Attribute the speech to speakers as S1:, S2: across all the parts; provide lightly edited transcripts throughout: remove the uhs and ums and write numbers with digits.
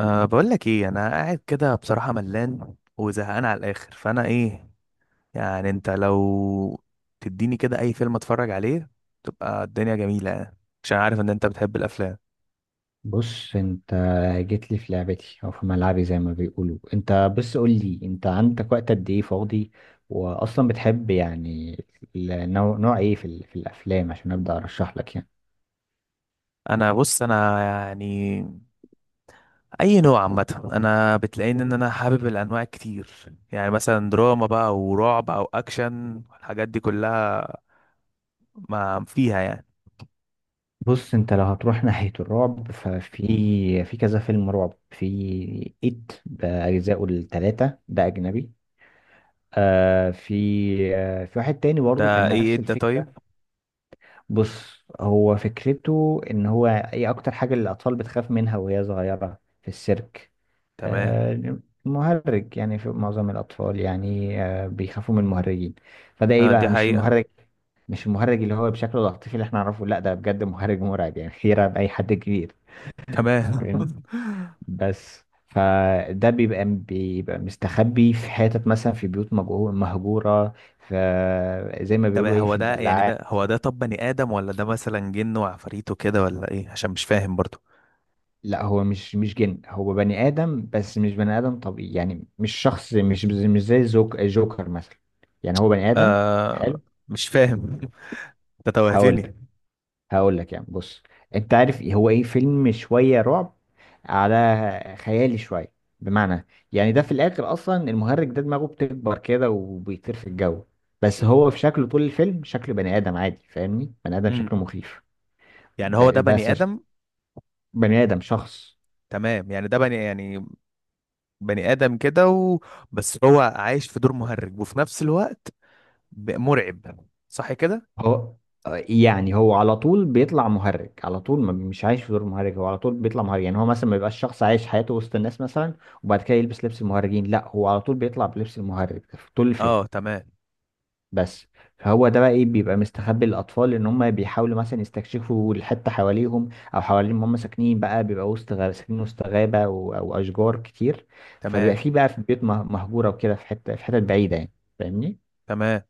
S1: أه، بقول لك ايه، انا قاعد كده بصراحة ملان وزهقان على الاخر، فانا ايه يعني انت لو تديني كده اي فيلم اتفرج عليه تبقى الدنيا جميلة يعني، عشان عارف ان انت بتحب الافلام.
S2: بص انت. جيت لي في لعبتي او في ملعبي زي ما بيقولوا. انت بس قول لي، انت عندك وقت قد ايه فاضي؟ واصلا بتحب يعني نوع ايه في الافلام عشان ابدا ارشح لك يعني.
S1: بص انا يعني اي نوع عامة، انا بتلاقيني ان انا حابب الانواع كتير، يعني مثلا دراما بقى ورعب او اكشن، الحاجات دي كلها ما فيها يعني.
S2: بص، انت لو هتروح ناحية الرعب، ففي في كذا فيلم رعب. في ايت باجزائه الثلاثة، ده اجنبي. آه في في واحد تاني برضه
S1: ده
S2: كان
S1: ايه إيه
S2: نفس
S1: ده طيب؟
S2: الفكرة. بص، هو فكرته ان هو ايه اكتر حاجة اللي الاطفال بتخاف منها وهي صغيرة في السيرك.
S1: تمام.
S2: آه، مهرج. يعني في معظم الاطفال يعني آه بيخافوا من المهرجين. فده ايه
S1: آه دي
S2: بقى، مش
S1: حقيقة.
S2: المهرج، مش المهرج اللي هو بشكل العاطفي اللي احنا نعرفه، لا ده بجد مهرج مرعب يعني يرعب اي حد كبير.
S1: تمام
S2: فاهمني؟ بس فده بيبقى مستخبي في حتت، مثلا في بيوت مهجورة. في، زي ما
S1: طب
S2: بيقولوا ايه،
S1: هو
S2: في
S1: ده يعني،
S2: البلاعات.
S1: ده طب بني آدم ولا ده مثلا جن وعفاريت وكده، ولا ايه؟ عشان مش فاهم برضو.
S2: لا هو مش جن، هو بني آدم، بس مش بني آدم طبيعي. يعني مش شخص، مش زي جوكر مثلا. يعني هو بني آدم.
S1: آه.
S2: حلو.
S1: مش فاهم انت
S2: هقول
S1: توهتني.
S2: لك هقول لك يعني، بص. انت عارف إيه هو ايه؟ فيلم شوية رعب على خيالي شوية. بمعنى، يعني ده في الآخر أصلا المهرج ده دماغه بتكبر كده وبيطير في الجو. بس هو في شكله طول الفيلم شكله بني آدم عادي، فاهمني؟ بني آدم شكله
S1: امم
S2: مخيف.
S1: يعني هو ده
S2: ب-
S1: بني
S2: بس ش-
S1: آدم؟
S2: بني آدم، شخص.
S1: تمام، يعني ده بني يعني بني آدم كده، و... بس هو عايش في دور مهرج وفي نفس الوقت مرعب، صح كده؟
S2: هو، يعني هو على طول بيطلع مهرج، على طول. ما مش عايش في دور مهرج، هو على طول بيطلع مهرج. يعني هو مثلا ما يبقاش شخص عايش حياته وسط الناس مثلا وبعد كده يلبس لبس المهرجين، لا هو على طول بيطلع بلبس المهرج في طول الفيلم.
S1: اه تمام.
S2: بس. فهو ده بقى ايه، بيبقى مستخبي للاطفال. ان هم بيحاولوا مثلا يستكشفوا الحته حواليهم، او حوالين ما هم ساكنين. بقى بيبقى وسط غابه، ساكنين وسط غابه او اشجار كتير. فبيبقى
S1: تمام،
S2: في، بقى في البيوت مهجوره وكده، في حته، في حتت بعيده يعني. فاهمني.
S1: تمام.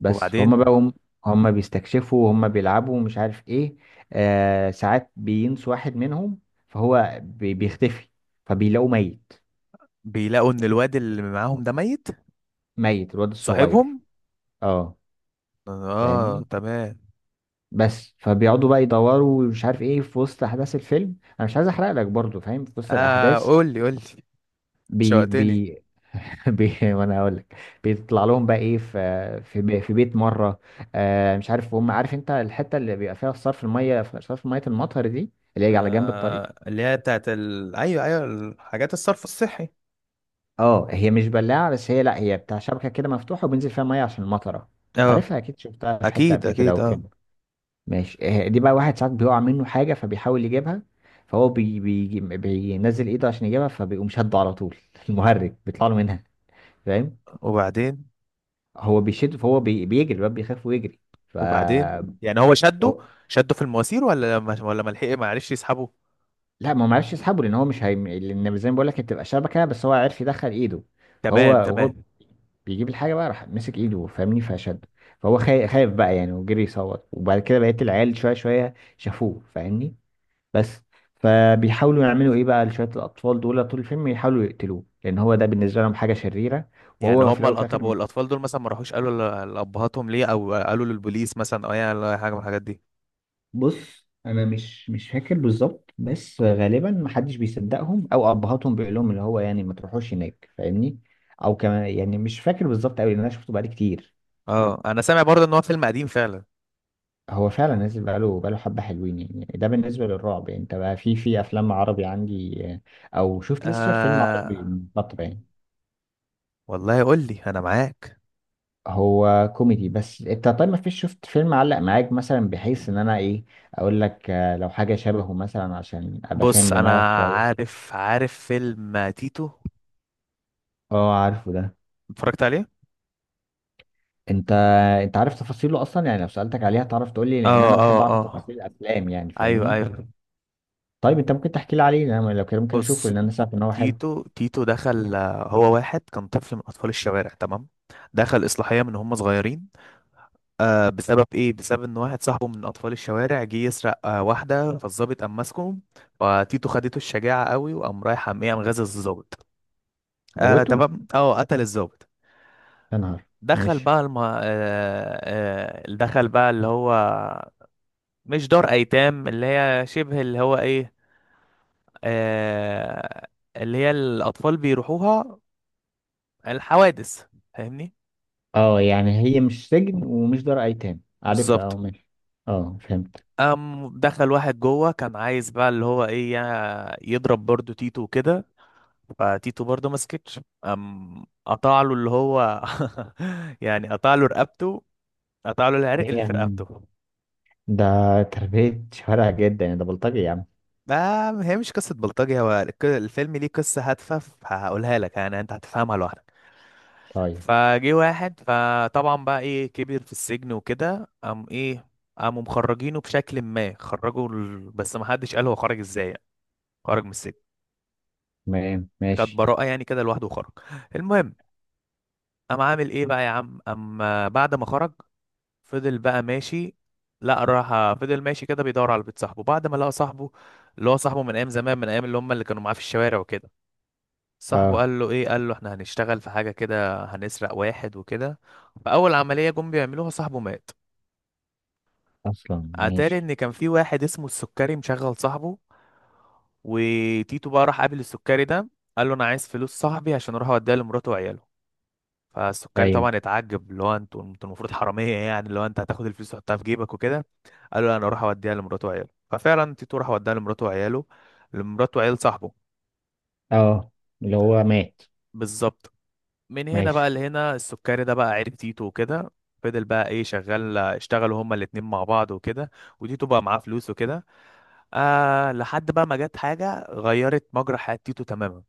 S2: بس فهم
S1: وبعدين؟
S2: بقى، هم بيستكشفوا وهم بيلعبوا ومش عارف ايه. آه ساعات بينسوا واحد منهم، فهو بيختفي، فبيلاقوه ميت.
S1: بيلاقوا ان الواد اللي معاهم ده ميت؟
S2: ميت، الواد الصغير.
S1: صاحبهم؟
S2: اه.
S1: اه
S2: فاهمني.
S1: تمام.
S2: بس فبيقعدوا بقى يدوروا ومش عارف ايه، في وسط احداث الفيلم. انا مش عايز احرق لك برضو، فاهم؟ في وسط
S1: اه
S2: الاحداث
S1: قول لي، قول لي،
S2: بي
S1: شوقتني.
S2: بي, وانا هقول لك، بيطلع لهم بقى ايه، في في, بي في بيت مره. آه، مش عارف هم، عارف انت الحته اللي بيبقى فيها صرف الميه، صرف ميه المطر دي، اللي هي على جنب الطريق؟
S1: آه اللي هي بتاعت ايوه ايوه، الحاجات الصرف الصحي.
S2: اه، هي مش بلاعة بس، هي لا هي بتاع شبكة كده مفتوحة وبينزل فيها مية عشان المطرة.
S1: اه
S2: عارفها أكيد، شفتها في حتة
S1: اكيد
S2: قبل كده أو
S1: اكيد، اه.
S2: فين. ماشي. آه، دي بقى، واحد ساعات بيقع منه حاجة فبيحاول يجيبها. فهو بي بي بينزل إيده عشان يجيبها، فبيقوم شده على طول المهرج بيطلع له منها. فاهم؟
S1: وبعدين؟
S2: هو بيشد، فهو بيجري، الواد بيخاف ويجري. ف.
S1: وبعدين يعني هو شده؟ شده في المواسير، ولا ما لحق، ما عرفش يسحبه؟
S2: لا ما هو معرفش يسحبه، لان هو مش هي... لان زي ما بقول لك، هتبقى شبكه، بس هو عرف يدخل ايده. فهو،
S1: تمام
S2: وهو
S1: تمام.
S2: بيجيب الحاجه بقى راح مسك ايده، فاهمني؟ فشد، فهو خايف بقى يعني، وجري يصوت. وبعد كده بقيت العيال شويه شويه شافوه، فاهمني. بس. فبيحاولوا يعملوا ايه بقى لشويه، الاطفال دول طول الفيلم يحاولوا يقتلوه، لان هو ده بالنسبه لهم حاجه شريره.
S1: يعني
S2: وهو في الاول
S1: هم
S2: وفي
S1: طب
S2: الاخر.
S1: والاطفال دول مثلا ما راحوش قالوا لابهاتهم ليه، او قالوا للبوليس مثلا، او يعني أي حاجه من الحاجات دي؟
S2: بص، انا مش فاكر بالظبط، بس غالبا محدش بيصدقهم، او ابهاتهم بيقول لهم اللي هو يعني ما تروحوش هناك، فاهمني؟ او كمان، يعني مش فاكر بالظبط قوي لان انا شفته بقالي كتير.
S1: اه انا سامع برضه ان هو فيلم قديم فعلا.
S2: هو فعلا نازل بقاله حبه حلوين يعني. ده بالنسبه للرعب يعني. انت بقى، في افلام عربي عندي، او شفت لسه، شايف فيلم عربي
S1: آه
S2: من فتره يعني؟
S1: والله قول لي، انا معاك.
S2: هو كوميدي بس. انت طيب ما فيش شفت فيلم علق معاك مثلا، بحيث ان انا ايه اقول لك، لو حاجه شبهه مثلا، عشان ابقى فاهم
S1: بص
S2: دماغك
S1: انا
S2: شويه.
S1: عارف، عارف فيلم تيتو،
S2: اه عارفه ده.
S1: اتفرجت عليه.
S2: انت انت عارف تفاصيله اصلا يعني؟ لو سألتك عليها تعرف تقول لي، لان
S1: اه
S2: انا بحب
S1: اه
S2: اعرف
S1: اه.
S2: تفاصيل الافلام يعني،
S1: ايوه
S2: فاهمني.
S1: ايوه.
S2: طيب انت ممكن تحكي لي عليه؟ انا لو كده ممكن اشوفه،
S1: بص،
S2: لان انا سمعت ان هو حلو.
S1: تيتو دخل آه، هو واحد كان طفل من اطفال الشوارع، تمام؟ دخل اصلاحيه من هم صغيرين، آه، بسبب ايه؟ بسبب ان واحد صاحبه من اطفال الشوارع جه يسرق آه واحده، فالظابط قام ماسكه، فتيتو خدته الشجاعه قوي وقام رايح قام ايه، قام غازل الظابط. آه
S2: موته.
S1: تمام، اه قتل الظابط.
S2: يا نهار.
S1: دخل
S2: ماشي.
S1: بقى اللي هو مش دار ايتام، اللي هي شبه اللي هو ايه، آه، اللي هي الأطفال بيروحوها، الحوادث، فاهمني.
S2: اه يعني هي مش سجن ومش دار ايتام، عارفها. اه،
S1: بالظبط.
S2: ماشي. اه فهمت.
S1: قام دخل واحد جوه كان عايز بقى اللي هو ايه يضرب برضو تيتو وكده، فتيتو برضو ما سكتش، قام قطع له اللي هو يعني قطع له رقبته، قطع له العرق
S2: ايه
S1: اللي
S2: يا
S1: في
S2: عم.
S1: رقبته.
S2: ده تربية شوارع جدا يعني، ده بلطجي يا عم.
S1: ده، هي مش قصة بلطجي، هو الفيلم ليه قصة هادفة، فهقولها لك، يعني انت هتفهمها لوحدك.
S2: طيب.
S1: فجه واحد، فطبعا بقى ايه، كبر في السجن وكده، قام ايه، قاموا مخرجينه بشكل ما، خرجوا بس ما حدش قال هو خرج ازاي يعني، خرج من السجن،
S2: تمام،
S1: خد
S2: ماشي.
S1: براءة يعني كده لوحده وخرج. المهم، قام عامل ايه بقى يا عم اما بعد ما خرج، فضل بقى ماشي، لا راح فضل ماشي كده بيدور على بيت صاحبه، بعد ما لقى صاحبه اللي هو صاحبه من ايام زمان، من ايام اللي هم اللي كانوا معاه في الشوارع وكده. صاحبه
S2: اه.
S1: قال له ايه، قال له احنا هنشتغل في حاجة كده، هنسرق واحد وكده. فاول عملية جم بيعملوها صاحبه مات.
S2: اصلا
S1: اتاري
S2: ماشي.
S1: ان كان في واحد اسمه السكري مشغل صاحبه، وتيتو بقى راح قابل السكري ده، قال له انا عايز فلوس صاحبي عشان اروح اوديها لمراته وعياله. فالسكري
S2: ايوه.
S1: طبعا اتعجب، اللي هو انتوا، انتوا المفروض حراميه يعني، اللي هو انت هتاخد الفلوس تحطها في جيبك وكده. قال له لا، انا اروح اوديها لمراته وعياله. ففعلا تيتو راح اوديها لمراته وعياله، لمراته وعيال صاحبه.
S2: اه، اللي هو مات.
S1: بالظبط. من هنا بقى
S2: ماشي.
S1: لهنا السكري ده بقى عرف تيتو وكده، فضل بقى ايه شغال، اشتغلوا هما الاتنين مع بعض وكده، وتيتو بقى معاه فلوس وكده، آه لحد بقى ما جت حاجة غيرت مجرى حياة تيتو تماما.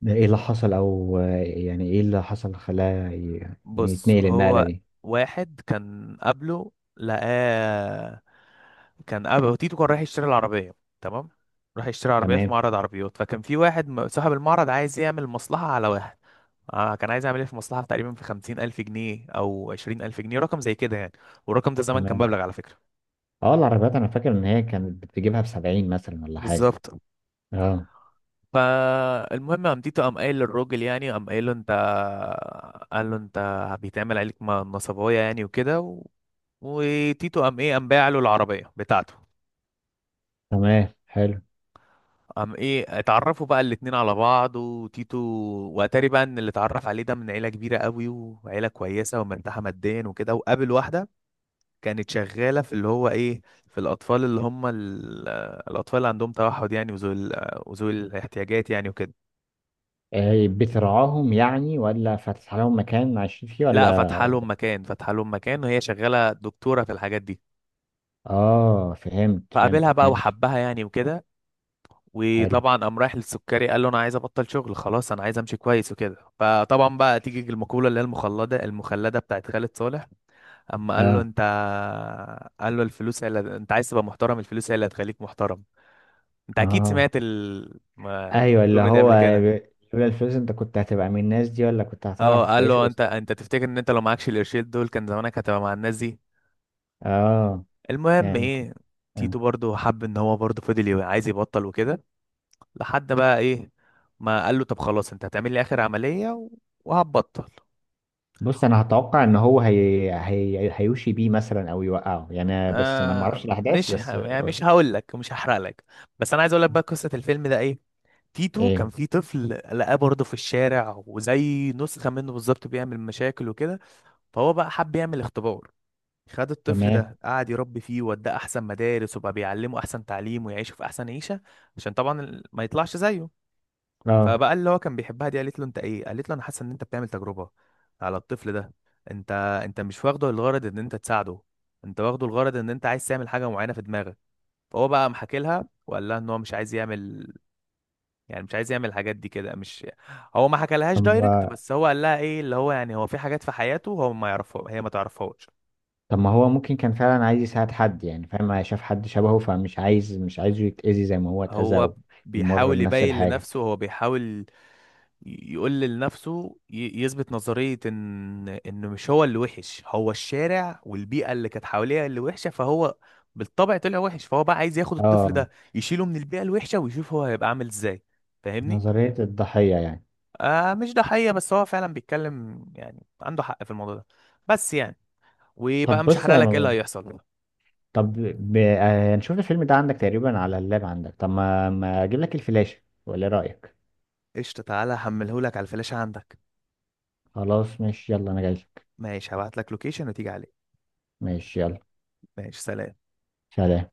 S2: ده ايه اللي حصل؟ او يعني ايه اللي حصل خلاه يعني
S1: بص
S2: يتنقل النقلة
S1: هو
S2: دي؟
S1: واحد كان قبله لقاه، كان قبله تيتو كان رايح يشتري العربية، تمام؟ راح يشتري عربية في
S2: تمام
S1: معرض عربيات، فكان في واحد صاحب المعرض عايز يعمل مصلحة على واحد. آه كان عايز يعمل ايه في مصلحة تقريبا في 50,000 جنيه أو 20,000 جنيه، رقم زي كده يعني، والرقم ده زمان كان
S2: تمام.
S1: مبلغ على فكرة.
S2: اه العربيات انا فاكر ان هي كانت بتجيبها ب70 مثلا ولا حاجة.
S1: بالظبط.
S2: اه،
S1: فالمهم قام تيتو قام قايل للراجل يعني، قام قايل له انت، قال له انت بيتعمل عليك نصبايا يعني وكده، وتيتو قام ايه، قام باع له العربيه بتاعته.
S2: تمام، حلو.
S1: قام ايه، اتعرفوا بقى الاتنين على بعض، وتيتو، واتاري بقى ان اللي اتعرف عليه ده من عيله كبيره قوي، وعيله كويسه ومرتاحه ماديا وكده، وقابل واحده كانت شغاله في اللي هو ايه، في الاطفال اللي هم الاطفال اللي عندهم توحد يعني، وذوي وذوي الاحتياجات يعني وكده.
S2: آه بترعاهم يعني، ولا فاتح لهم مكان عايشين فيه،
S1: لا،
S2: ولا؟
S1: فاتحه لهم مكان، فاتحه لهم مكان، وهي شغاله دكتوره في الحاجات دي.
S2: اه، فهمت،
S1: فقابلها
S2: فهمتك،
S1: بقى
S2: ماشي.
S1: وحبها يعني وكده،
S2: حلو.
S1: وطبعا قام رايح للسكري قال له انا عايز ابطل شغل خلاص، انا عايز امشي كويس وكده. فطبعا بقى تيجي المقوله اللي هي المخلده بتاعت خالد صالح. اما قال له
S2: اه،
S1: انت، قال له الفلوس هي اللي انت عايز تبقى محترم، الفلوس هي اللي هتخليك محترم. انت اكيد سمعت
S2: اه، ايوه، اللي
S1: الجمله دي
S2: هو
S1: قبل كده.
S2: لولا الفلوس انت كنت هتبقى من الناس دي، ولا كنت
S1: اه.
S2: هتعرف
S1: قال
S2: تعيش
S1: له انت،
S2: وسطها.
S1: انت تفتكر ان انت لو معكش القرشين دول كان زمانك هتبقى مع الناس دي.
S2: اه،
S1: المهم
S2: فهمت.
S1: ايه، تيتو برضه حب ان هو برضه فضل عايز يبطل وكده، لحد بقى ايه ما قال له طب خلاص، انت هتعمل لي اخر عملية و- وهتبطل.
S2: بص انا هتوقع ان هو هيوشي بيه مثلا، او يوقعه يعني، بس ما نعرفش
S1: آه
S2: الاحداث
S1: مش ه...
S2: بس.
S1: يعني مش هقول لك، مش هحرق لك، بس انا عايز اقول لك بقى قصة الفيلم ده ايه. تيتو كان
S2: ايه،
S1: في طفل لقاه برضه في الشارع، وزي نسخة منه بالظبط، بيعمل مشاكل وكده، فهو بقى حب يعمل اختبار، خد الطفل
S2: تمام.
S1: ده قعد يربي فيه، ووداه احسن مدارس، وبقى بيعلمه احسن تعليم، ويعيشه في احسن عيشة، عشان طبعا ما يطلعش زيه.
S2: اه.
S1: فبقى اللي هو كان بيحبها دي قالت له انت ايه، قالت له انا حاسه ان انت بتعمل تجربه على الطفل ده، انت انت مش واخده الغرض ان انت تساعده، انت واخده الغرض ان انت عايز تعمل حاجه معينه في دماغك. فهو بقى محكي لها وقال لها ان هو مش عايز يعمل، يعني مش عايز يعمل الحاجات دي كده، مش هو ما حكالهاش دايركت،
S2: طب
S1: بس هو قال لها ايه اللي هو يعني هو في حاجات في حياته هو ما يعرفها، هي ما تعرفهاش.
S2: طب ما هو ممكن كان فعلا عايز يساعد حد يعني، فاهم؟ شاف حد شبهه فمش عايز، مش عايزه يتأذي زي ما هو اتأذى،
S1: هو
S2: او يمر
S1: بيحاول
S2: بنفس
S1: يبين
S2: الحاجة.
S1: لنفسه، هو بيحاول يقول لنفسه يثبت نظرية ان انه مش هو اللي وحش، هو الشارع والبيئة اللي كانت حواليه اللي وحشة، فهو بالطبع طلع وحش، فهو بقى عايز ياخد الطفل
S2: اه،
S1: ده يشيله من البيئة الوحشة ويشوف هو هيبقى عامل ازاي، فاهمني؟
S2: نظرية الضحية يعني.
S1: آه مش، ده حقيقة، بس هو فعلا بيتكلم، يعني عنده حق في الموضوع ده، بس يعني،
S2: طب
S1: وبقى مش
S2: بص
S1: هحرق
S2: يا
S1: لك ايه اللي
S2: مروان،
S1: هيحصل.
S2: طب ب... آه، هنشوف الفيلم ده عندك تقريبا على اللاب عندك. طب ما اجيب لك الفلاشة، ولا إيه رأيك؟
S1: قشطة، تعالى هحملهولك على الفلاشة عندك.
S2: خلاص ماشي، يلا، انا جاي لك.
S1: ماشي، هبعت لك لوكيشن وتيجي عليه.
S2: ماشي يلا.
S1: ماشي سلام.
S2: سلام.